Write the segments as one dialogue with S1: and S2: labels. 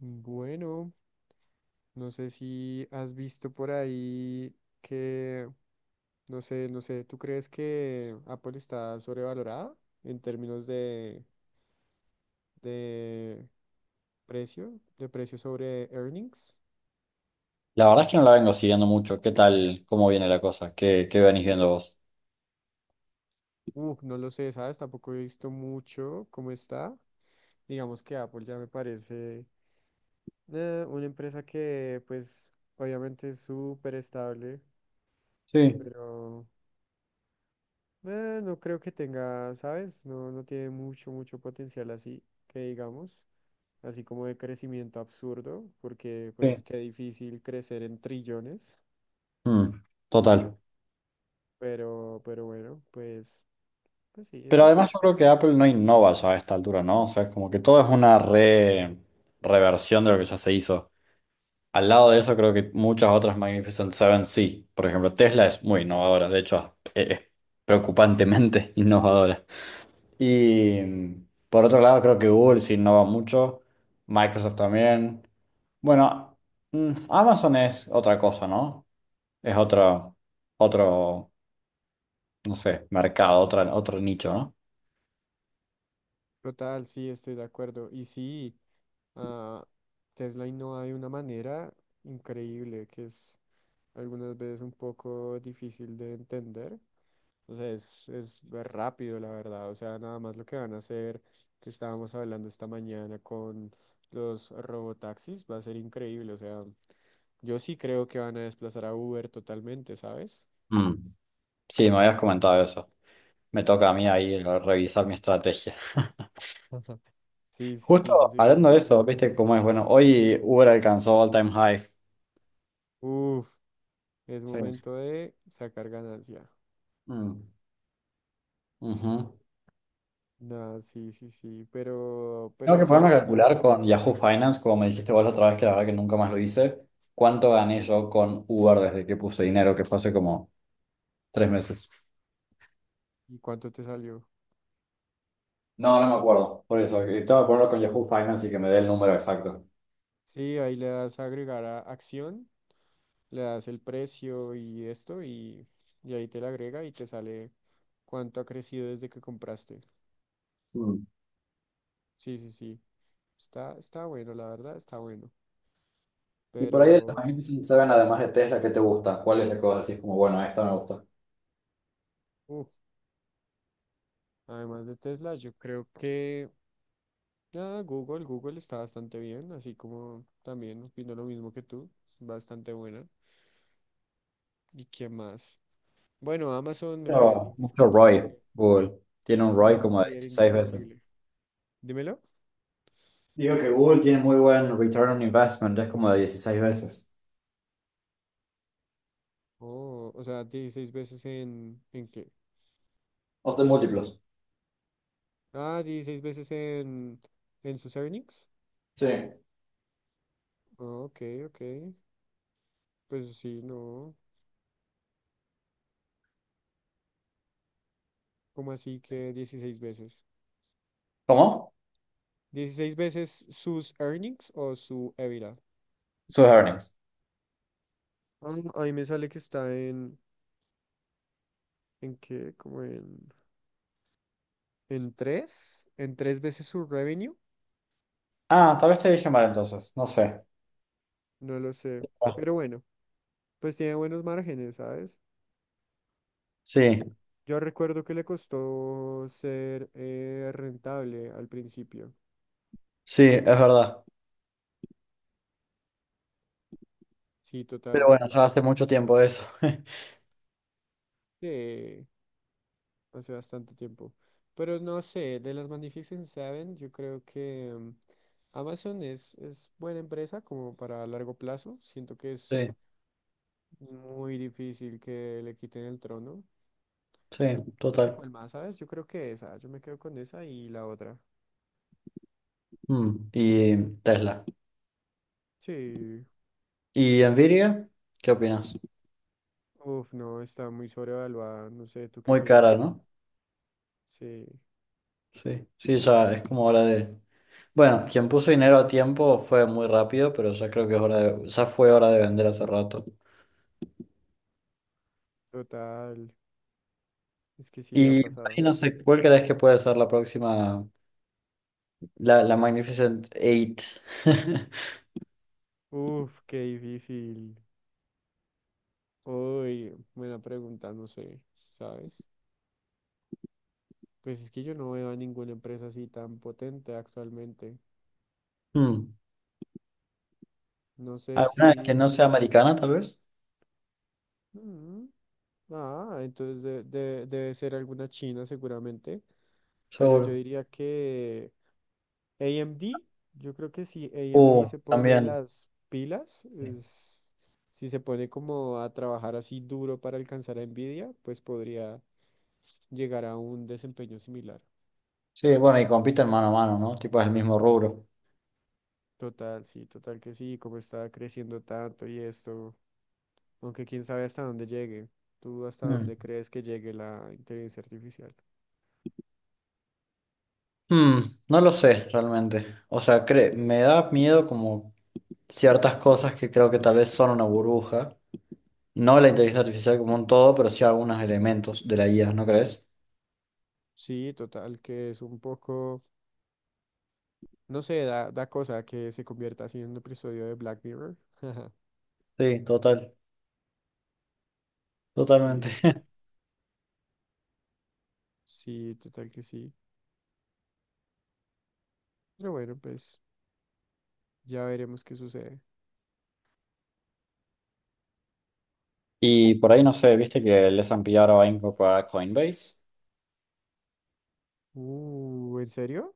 S1: Bueno, no sé si has visto por ahí que, no sé, no sé, ¿tú crees que Apple está sobrevalorada en términos de precio, de precio sobre earnings?
S2: La verdad es que no la vengo siguiendo mucho. ¿Qué tal? ¿Cómo viene la cosa? ¿Qué venís viendo vos?
S1: No lo sé, ¿sabes? Tampoco he visto mucho cómo está. Digamos que Apple ya me parece una empresa que, pues, obviamente es súper estable,
S2: Sí,
S1: pero. No creo que tenga, ¿sabes? No, no tiene mucho, mucho potencial así, que digamos, así como de crecimiento absurdo, porque pues
S2: sí.
S1: qué difícil crecer en trillones,
S2: Mm, total.
S1: pero bueno, pues sí,
S2: Pero
S1: es
S2: además yo creo que Apple no innova ya a esta altura, ¿no? O sea, es como que todo es una reversión de lo que ya se hizo. Al lado de eso, creo que muchas otras Magnificent Seven sí. Por ejemplo, Tesla es muy innovadora, de hecho, es preocupantemente innovadora. Y por otro lado, creo que Google sí innova mucho, Microsoft también. Bueno, Amazon es otra cosa, ¿no? Es otro, no sé, mercado, otro nicho, ¿no?
S1: total, sí, estoy de acuerdo. Y sí, ah, Tesla innova de una manera increíble, que es algunas veces un poco difícil de entender. O sea, es rápido, la verdad. O sea, nada más lo que van a hacer, que estábamos hablando esta mañana con los robotaxis, va a ser increíble. O sea, yo sí creo que van a desplazar a Uber totalmente, ¿sabes?
S2: Mm. Sí, me habías comentado eso. Me toca a mí ahí revisar mi estrategia.
S1: Ujú. Sí, sí, sí, yo
S2: Justo
S1: sí
S2: hablando
S1: creo.
S2: de eso, viste cómo es. Bueno, hoy Uber alcanzó all time high.
S1: Uf, es
S2: Sí.
S1: momento de sacar ganancia.
S2: Mm, ujú.
S1: Nada, sí, sí, sí, pero
S2: Tengo que
S1: sí,
S2: ponerme a
S1: total.
S2: calcular con Yahoo Finance, como me dijiste vos la otra vez, que la verdad que nunca más lo hice. ¿Cuánto gané yo con Uber desde que puse dinero? Que fue hace como 3 meses.
S1: ¿Y cuánto te salió?
S2: No, no me acuerdo. Por eso, que tengo que ponerlo con Yahoo Finance y que me dé el número exacto.
S1: Sí, ahí le das a agregar a acción, le das el precio y esto, y ahí te la agrega y te sale cuánto ha crecido desde que compraste.
S2: Mm.
S1: Sí, sí, sí. Está bueno, la verdad, está bueno.
S2: Y por ahí de los
S1: Pero,
S2: Magnificent Seven, además de Tesla, ¿qué te gusta? ¿Cuál es la que vos decís como, bueno, esta me gusta?
S1: uff además de Tesla, yo creo que Google está bastante bien, así como también opino lo mismo que tú, bastante buena. ¿Y qué más? Bueno, Amazon me parece
S2: Pero mucho ROI,
S1: indiscutible,
S2: Google. Tiene un
S1: un
S2: ROI como de
S1: líder
S2: 16 veces.
S1: indiscutible. Dímelo.
S2: Digo que Google tiene muy buen return on investment, es como de 16 veces.
S1: Oh, o sea, 16 veces ¿en qué?
S2: O de múltiplos.
S1: Ah, 16 veces en sus earnings.
S2: Sí.
S1: Oh, ok, ok. Pues sí, no. ¿Cómo así que 16 veces?
S2: ¿Cómo?
S1: ¿16 veces sus earnings o su EBITDA?
S2: Sus earnings.
S1: Ah, ahí me sale que está ¿en qué? Como en tres veces su revenue,
S2: Ah, tal vez te dije mal entonces, no sé.
S1: no lo sé.
S2: Ah,
S1: Pero bueno, pues tiene buenos márgenes, ¿sabes?
S2: sí,
S1: Yo recuerdo que le costó ser rentable al principio.
S2: sí, es verdad.
S1: Sí,
S2: Pero
S1: total, sí
S2: bueno,
S1: le
S2: ya hace
S1: costó.
S2: mucho tiempo eso.
S1: Sí, hace bastante tiempo. Pero no sé, de las Magnificent Seven, yo creo que Amazon es buena empresa como para largo plazo. Siento que es
S2: Sí,
S1: muy difícil que le quiten el trono.
S2: sí,
S1: No sé
S2: total.
S1: cuál más, ¿sabes? Yo creo que esa, yo me quedo con esa y la otra.
S2: Mm. Y Tesla.
S1: Sí,
S2: ¿Y Nvidia? ¿Qué opinas?
S1: uf, no, está muy sobrevaluada, no sé, ¿tú qué
S2: Muy cara,
S1: piensas?
S2: ¿no?
S1: Sí,
S2: Sí, sí, ya es como hora de... Bueno, quien puso dinero a tiempo fue muy rápido, pero ya creo que es hora de... Ya fue hora de vender hace rato.
S1: total, es que sí, ha
S2: Y por
S1: pasado.
S2: ahí no sé, ¿cuál crees que puede ser la próxima, la Magnificent Eight?
S1: Uf, qué difícil. Uy, buena pregunta, no sé, ¿sabes? Pues es que yo no veo a ninguna empresa así tan potente actualmente.
S2: Hmm.
S1: No sé
S2: ¿Alguna que no
S1: si.
S2: sea americana, tal vez?
S1: Mm, Ah, entonces debe ser alguna china seguramente, pero yo
S2: Seguro.
S1: diría que AMD, yo creo que si AMD se pone
S2: También.
S1: las pilas, si se pone como a trabajar así duro para alcanzar a Nvidia, pues podría llegar a un desempeño similar.
S2: Sí, bueno, y compiten mano a mano, ¿no? Tipo, es el mismo rubro.
S1: Total, sí, total que sí, como está creciendo tanto y esto. Aunque quién sabe hasta dónde llegue. ¿Tú hasta
S2: Mm.
S1: dónde crees que llegue la inteligencia artificial?
S2: Hmm, no lo sé realmente. O sea, me da miedo como ciertas cosas que creo que tal vez son una burbuja. No la inteligencia artificial como un todo, pero sí algunos elementos de la IA, ¿no crees?
S1: Sí, total, que es un poco, no sé, da cosa que se convierta así en un episodio de Black Mirror.
S2: Sí, total,
S1: Sí,
S2: totalmente.
S1: sí, sí. Sí, total que sí. Pero bueno, pues ya veremos qué sucede.
S2: Y por ahí no sé, viste que el S&P ahora va a incorporar Coinbase.
S1: ¿En serio?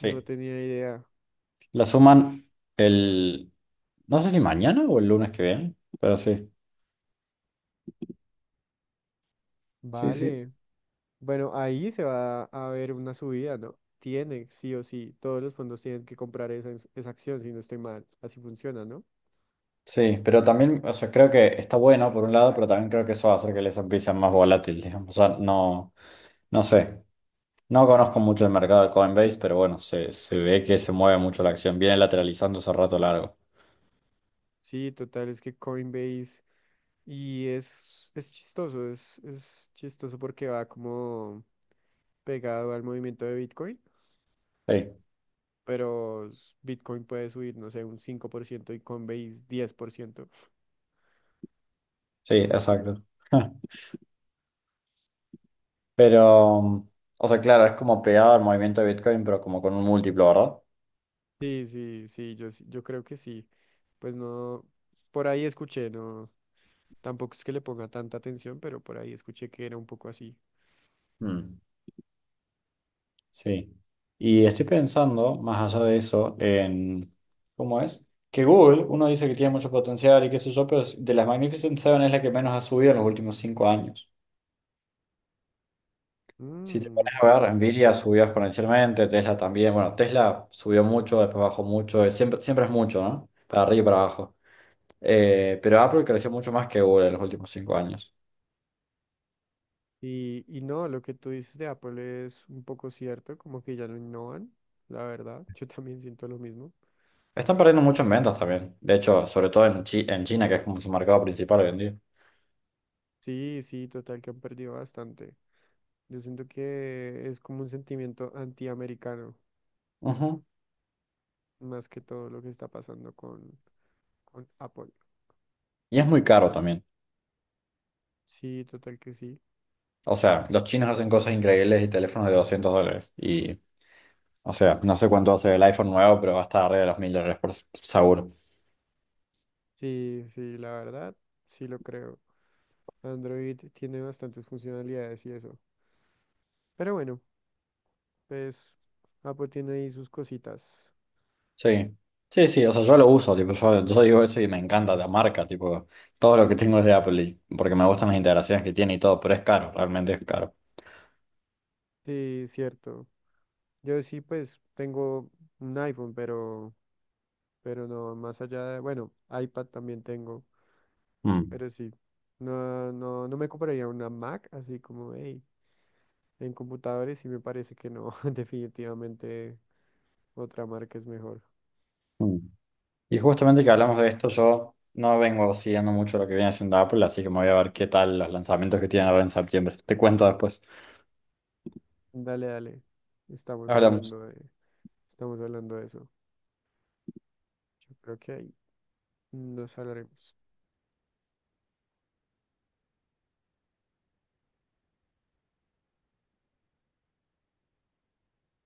S1: No tenía idea.
S2: la suman el, no sé si mañana o el lunes que viene, pero sí. Sí, sí.
S1: Vale. Bueno, ahí se va a ver una subida, ¿no? Tiene, sí o sí. Todos los fondos tienen que comprar esa acción, si no estoy mal. Así funciona, ¿no?
S2: Sí, pero también, o sea, creo que está bueno por un lado, pero también creo que eso va a hacer que el S&P sea más volátil, digamos. O sea, no, no sé, no conozco mucho el mercado de Coinbase, pero bueno, se ve que se mueve mucho la acción, viene lateralizando hace rato largo.
S1: Sí, total, es que Coinbase y es chistoso porque va como pegado al movimiento de Bitcoin,
S2: Sí,
S1: pero Bitcoin puede subir, no sé, un 5% y Coinbase 10%.
S2: sí, exacto. Pero, o sea, claro, es como pegado al movimiento de Bitcoin, pero como con un múltiplo, ¿verdad?
S1: Sí, sí, sí, yo creo que sí. Pues no, por ahí escuché, no, tampoco es que le ponga tanta atención, pero por ahí escuché que era un poco así.
S2: Mm, sí. Y estoy pensando, más allá de eso, en cómo es que Google, uno dice que tiene mucho potencial y qué sé yo, pero de las Magnificent Seven es la que menos ha subido en los últimos 5 años. Si te
S1: Mm,
S2: pones
S1: ok.
S2: a ver, Nvidia subió exponencialmente, Tesla también. Bueno, Tesla subió mucho, después bajó mucho, siempre es mucho, ¿no? Para arriba y para abajo. Pero Apple creció mucho más que Google en los últimos 5 años.
S1: Y no, lo que tú dices de Apple es un poco cierto, como que ya no innovan, la verdad. Yo también siento lo mismo.
S2: Están perdiendo mucho en ventas también. De hecho, sobre todo en, en China, que es como su mercado principal hoy en día.
S1: Sí, sí, total, que han perdido bastante. Yo siento que es como un sentimiento antiamericano,
S2: Ujú.
S1: más que todo lo que está pasando con Apple.
S2: Y es muy caro también.
S1: Sí, total que sí.
S2: O sea, los chinos hacen cosas increíbles y teléfonos de $200. Y, o sea, no sé cuánto va a ser el iPhone nuevo, pero va a estar arriba de los $1000 por seguro.
S1: Sí, sí, la verdad, sí lo creo. Android tiene bastantes funcionalidades y eso. Pero bueno, pues Apple tiene ahí sus cositas.
S2: Sí. Sí, sí, o sea, yo lo uso, tipo, yo digo eso y me encanta la marca, tipo, todo lo que tengo es de Apple, porque me gustan las integraciones que tiene y todo, pero es caro, realmente es caro.
S1: Sí, cierto. Yo sí, pues tengo un iPhone, pero, no, más allá de, bueno, iPad también tengo,
S2: Mm,
S1: pero sí, no, no, no me compraría una Mac, así como, hey, en computadores sí me parece que no, definitivamente otra marca es mejor.
S2: mm. Y justamente que hablamos de esto, yo no vengo siguiendo mucho lo que viene haciendo Apple, así que me voy a ver qué tal los lanzamientos que tienen ahora en septiembre. Te cuento después.
S1: Dale, dale, estamos
S2: Hablamos.
S1: hablando de, estamos hablando de eso. Yo creo que ahí nos hablaremos.